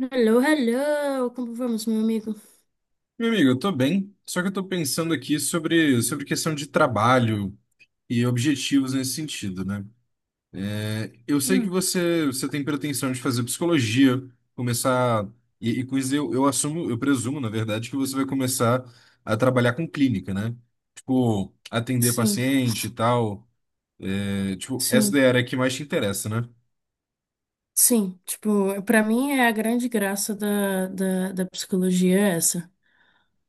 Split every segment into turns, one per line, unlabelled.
Hello, hello! Como vamos, meu amigo?
Meu amigo, eu tô bem, só que eu tô pensando aqui sobre questão de trabalho e objetivos nesse sentido, né? É, eu sei que
Hum.
você tem pretensão de fazer psicologia, começar, e com isso eu assumo, eu presumo, na verdade, que você vai começar a trabalhar com clínica, né? Tipo, atender
Sim,
paciente e tal. É, tipo, essa
sim,
daí é a área que mais te interessa, né?
sim, Pra mim é a grande graça da psicologia é essa.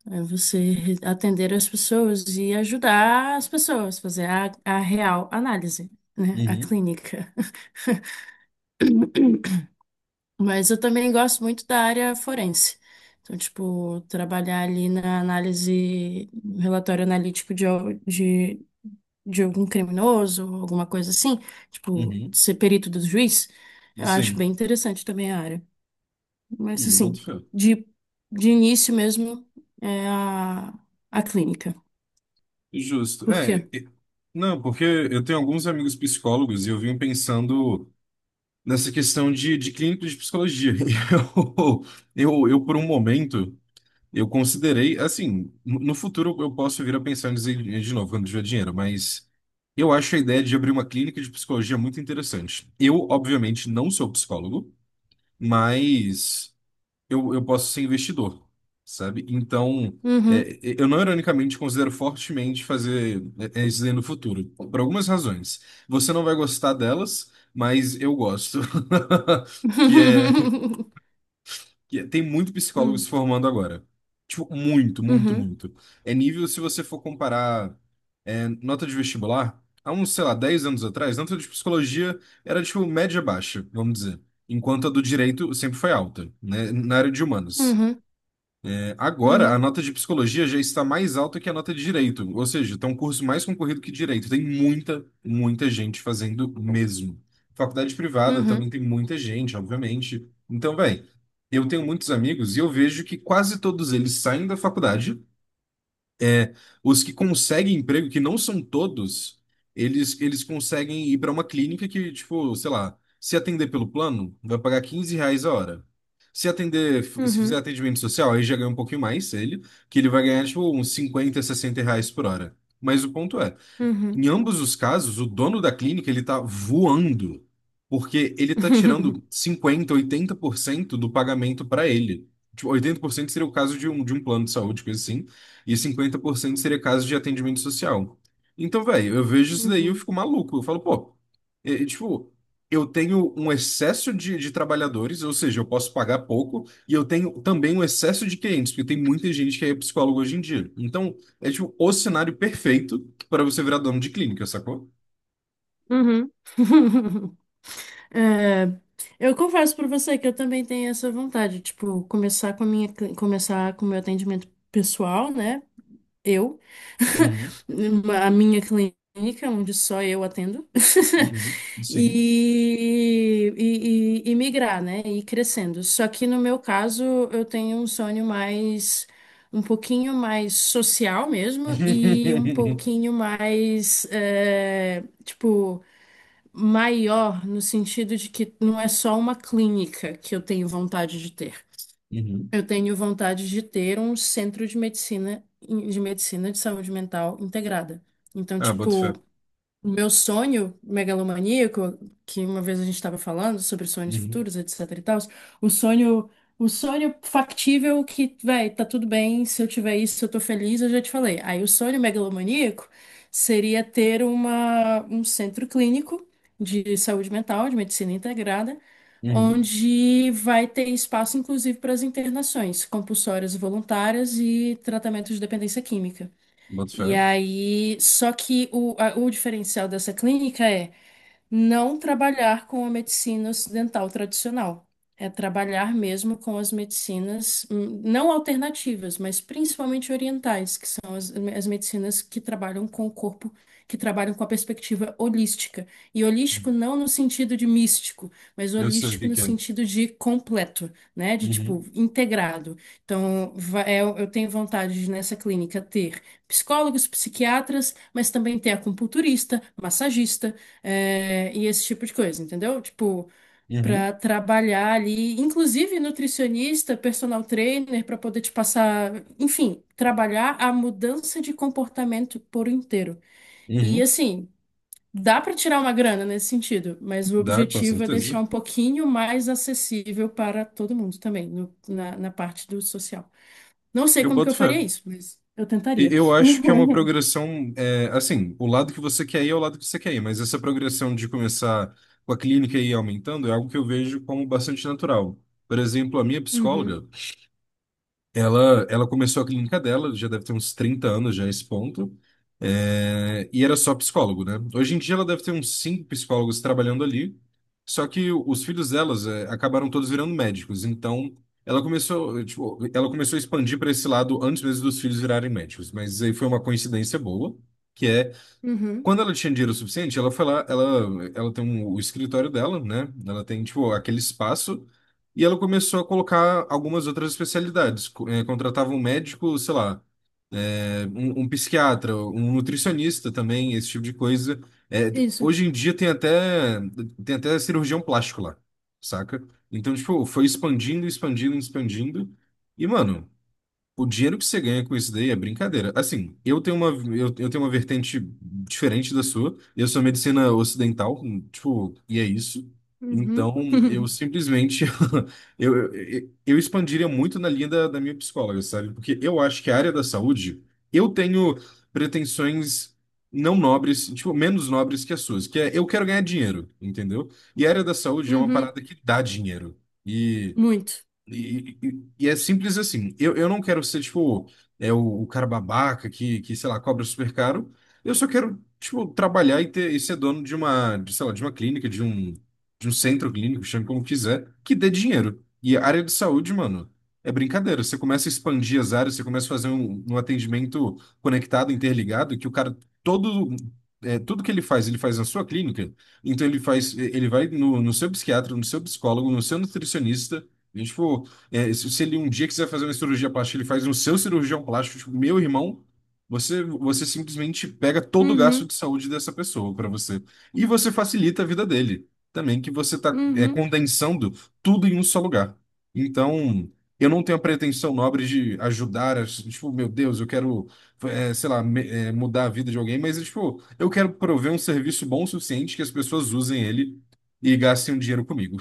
É você atender as pessoas e ajudar as pessoas, fazer a real análise, né? A
Uhum,
clínica. Mas eu também gosto muito da área forense. Então, tipo, trabalhar ali na análise, relatório analítico de algum criminoso, alguma coisa assim, tipo,
uhum,
ser perito do juiz, eu acho
sim.
bem interessante também a área. Mas,
Eu
assim,
boto fé.
de, de início mesmo é a clínica.
Justo.
Por quê?
É, não, porque eu tenho alguns amigos psicólogos e eu vim pensando nessa questão de clínica de psicologia. E eu, por um momento, eu considerei, assim, no futuro eu posso vir a pensar em dizer de novo quando tiver dinheiro, mas eu acho a ideia de abrir uma clínica de psicologia muito interessante. Eu, obviamente, não sou psicólogo, mas eu posso ser investidor, sabe? Então,
Uhum.
eu não ironicamente considero fortemente fazer isso aí no futuro, por algumas razões. Você não vai gostar delas, mas eu gosto. Que é, tem muito psicólogo se
Hum.
formando agora. Tipo, muito, muito,
Uhum.
muito. É nível se você for comparar nota de vestibular, há uns, sei lá, 10 anos atrás, nota de psicologia era tipo média baixa, vamos dizer. Enquanto a do direito sempre foi alta, né? Na área de humanos.
Uhum.
É, agora, a
Uhum.
nota de psicologia já está mais alta que a nota de direito, ou seja, está um curso mais concorrido que direito. Tem muita, muita gente fazendo mesmo. Faculdade privada também
Uhum.
tem muita gente, obviamente. Então, velho, eu tenho muitos amigos e eu vejo que quase todos eles saem da faculdade, é, os que conseguem emprego, que não são todos, eles conseguem ir para uma clínica que, tipo, sei lá, se atender pelo plano, vai pagar R$ 15 a hora. Se atender, se fizer
Uhum.
atendimento social, aí já ganha um pouquinho mais ele, que ele vai ganhar, tipo, uns 50, 60 reais por hora. Mas o ponto é
Uhum.
em ambos os casos, o dono da clínica ele está voando, porque ele está tirando 50, 80% do pagamento para ele. Tipo, 80% seria o caso de um plano de saúde, coisa assim, e 50% seria caso de atendimento social. Então, velho, eu vejo isso daí e eu
Uhum.
fico maluco. Eu falo, pô, tipo, eu tenho um excesso de trabalhadores, ou seja, eu posso pagar pouco, e eu tenho também um excesso de clientes, porque tem muita gente que é psicólogo hoje em dia. Então, é tipo o cenário perfeito para você virar dono de clínica, sacou?
Uhum. É, eu confesso pra você que eu também tenho essa vontade, tipo, começar com a começar com o meu atendimento pessoal, né? Eu,
Uhum,
a minha clínica, onde só eu atendo,
uhum, sim.
e migrar, né? E ir crescendo. Só que no meu caso, eu tenho um sonho mais, um pouquinho mais social mesmo, e um pouquinho mais, tipo maior no sentido de que não é só uma clínica que eu tenho vontade de ter.
Uhum.
Eu tenho vontade de ter um centro de medicina de medicina de saúde mental integrada. Então,
Ah, boto
tipo,
fé.
o meu sonho megalomaníaco, que uma vez a gente estava falando sobre sonhos
Uhum,
futuros, etc e tal, o sonho, o sonho factível que, véi, tá tudo bem, se eu tiver isso, eu tô feliz, eu já te falei. Aí o sonho megalomaníaco seria ter um centro clínico de saúde mental, de medicina integrada,
uhum,
onde vai ter espaço, inclusive, para as internações compulsórias e voluntárias e tratamento de dependência química.
boto
E
fé.
aí, só que o diferencial dessa clínica é não trabalhar com a medicina ocidental tradicional. É trabalhar mesmo com as medicinas, não alternativas, mas principalmente orientais, que são as medicinas que trabalham com o corpo, que trabalham com a perspectiva holística. E holístico não no sentido de místico, mas
Eu sei o
holístico
que
no
que é.
sentido de completo, né? De
Uhum,
tipo, integrado. Então, eu tenho vontade de, nessa clínica ter psicólogos, psiquiatras, mas também ter acupunturista, massagista e esse tipo de coisa, entendeu? Tipo,
uhum,
para trabalhar ali, inclusive nutricionista, personal trainer, para poder te passar, enfim, trabalhar a mudança de comportamento por inteiro. E
uhum.
assim, dá para tirar uma grana nesse sentido, mas o
Dá, com
objetivo é
certeza.
deixar um pouquinho mais acessível para todo mundo também, na parte do social. Não sei
Eu
como que
boto
eu faria
fé.
isso, mas eu
E-
tentaria.
Eu acho que é uma progressão, é, assim, o lado que você quer ir é o lado que você quer ir, mas essa progressão de começar com a clínica e ir aumentando é algo que eu vejo como bastante natural. Por exemplo, a minha
Uhum,
psicóloga, ela começou a clínica dela, já deve ter uns 30 anos já a esse ponto, é, e era só psicólogo, né? Hoje em dia ela deve ter uns cinco psicólogos trabalhando ali, só que os filhos delas, acabaram todos virando médicos, então ela começou, tipo, ela começou a expandir para esse lado antes mesmo dos filhos virarem médicos, mas aí foi uma coincidência boa, que é
uhum,
quando ela tinha dinheiro suficiente, ela foi lá, ela, ela tem o escritório dela, né? Ela tem, tipo, aquele espaço e ela começou a colocar algumas outras especialidades. Contratava um médico, sei lá, um psiquiatra, um nutricionista também, esse tipo de coisa. Eh,
isso.
hoje em dia tem até cirurgião plástico lá, saca? Então, tipo, foi expandindo, expandindo, expandindo. E, mano, o dinheiro que você ganha com isso daí é brincadeira. Assim, eu tenho uma vertente diferente da sua. Eu sou medicina ocidental, tipo, e é isso.
Uhum,
Então, eu simplesmente eu expandiria muito na linha da minha psicóloga, sabe? Porque eu acho que a área da saúde, eu tenho pretensões não nobres, tipo, menos nobres que as suas, que é eu quero ganhar dinheiro, entendeu? E a área da saúde é uma
uhum,
parada que dá dinheiro. e
muito.
e é simples assim. Eu não quero ser, tipo, é o cara babaca que sei lá, cobra super caro. Eu só quero, tipo, trabalhar e ter, e ser dono de uma, de, sei lá, de uma clínica, de um centro clínico, chame como quiser, que dê dinheiro. E a área de saúde, mano, é brincadeira. Você começa a expandir as áreas, você começa a fazer um atendimento conectado, interligado, que o cara todo. É, tudo que ele faz na sua clínica. Então ele faz, ele vai no seu psiquiatra, no seu psicólogo, no seu nutricionista. E, tipo, se ele um dia quiser fazer uma cirurgia plástica, ele faz no seu cirurgião plástico, tipo, meu irmão, você simplesmente pega todo o gasto
Uhum,
de saúde dessa pessoa para você. E você facilita a vida dele também, que você tá,
uhum.
condensando tudo em um só lugar. Então, eu não tenho a pretensão nobre de ajudar, tipo, meu Deus, eu quero, sei lá, mudar a vida de alguém, mas, tipo, eu quero prover um serviço bom o suficiente que as pessoas usem ele e gastem um dinheiro comigo.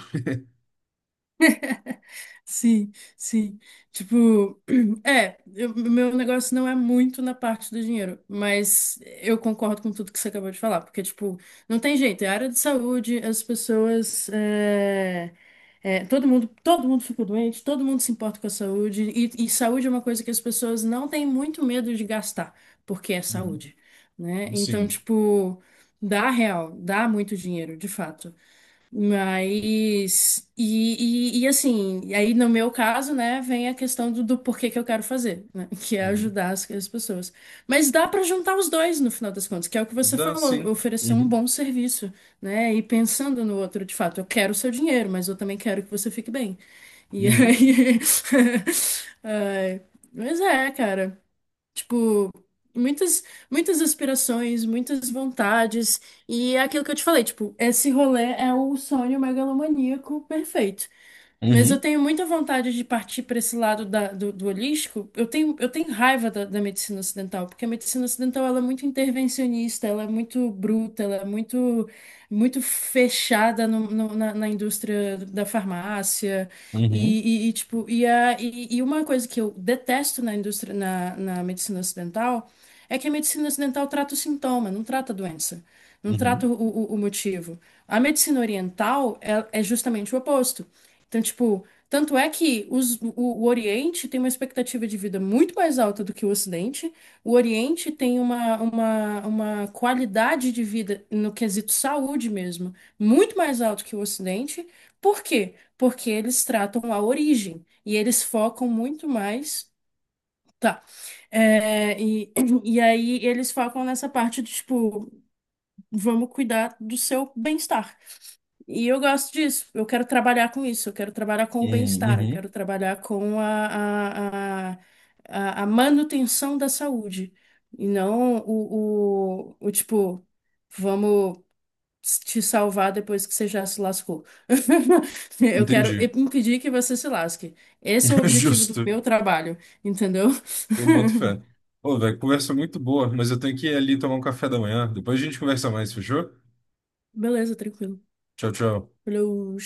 Sim, sim. Tipo, meu negócio não é muito na parte do dinheiro, mas eu concordo com tudo que você acabou de falar, porque, tipo, não tem jeito, é área de saúde, as pessoas, é, é, todo mundo fica doente, todo mundo se importa com a saúde, e saúde é uma coisa que as pessoas não têm muito medo de gastar, porque é
Uhum.
saúde, né? Então,
Sim.
tipo, dá real, dá muito dinheiro, de fato. E aí no meu caso, né, vem a questão do porquê que eu quero fazer, né, que é ajudar as pessoas. Mas dá para juntar os dois no final das contas, que é o que você
Dá
falou,
sim.
oferecer um
Uhum.
bom serviço, né, e pensando no outro de fato, eu quero o seu dinheiro, mas eu também quero que você fique bem. E
Uhum.
aí. Ai, mas é, cara. Tipo, muitas, muitas aspirações, muitas vontades. E é aquilo que eu te falei, tipo, esse rolê é o sonho megalomaníaco perfeito. Mas eu
Uhum.
tenho muita vontade de partir para esse lado do holístico. Eu tenho raiva da medicina ocidental, porque a medicina ocidental ela é muito intervencionista, ela é muito bruta, ela é muito fechada na indústria da farmácia.
Uhum.
E uma coisa que eu detesto na indústria, na medicina ocidental, é que a medicina ocidental trata o sintoma, não trata a doença, não trata
Uhum.
o motivo. A medicina oriental é justamente o oposto. Então, tipo, tanto é que o Oriente tem uma expectativa de vida muito mais alta do que o Ocidente. O Oriente tem uma qualidade de vida, no quesito saúde mesmo, muito mais alto que o Ocidente. Por quê? Porque eles tratam a origem e eles focam muito mais. Tá. É, e, e aí eles focam nessa parte de, tipo, vamos cuidar do seu bem-estar. E eu gosto disso. Eu quero trabalhar com isso. Eu quero trabalhar com o
Uhum.
bem-estar. Eu
Uhum.
quero trabalhar com a manutenção da saúde. E não o tipo, vamos te salvar depois que você já se lascou. Eu quero
Entendi.
impedir que você se lasque. Esse é o objetivo do
Justo.
meu trabalho, entendeu?
Eu boto fé. Ô, velho, conversa muito boa, mas eu tenho que ir ali tomar um café da manhã. Depois a gente conversa mais, fechou?
Beleza, tranquilo.
Tchau, tchau.
Valeu.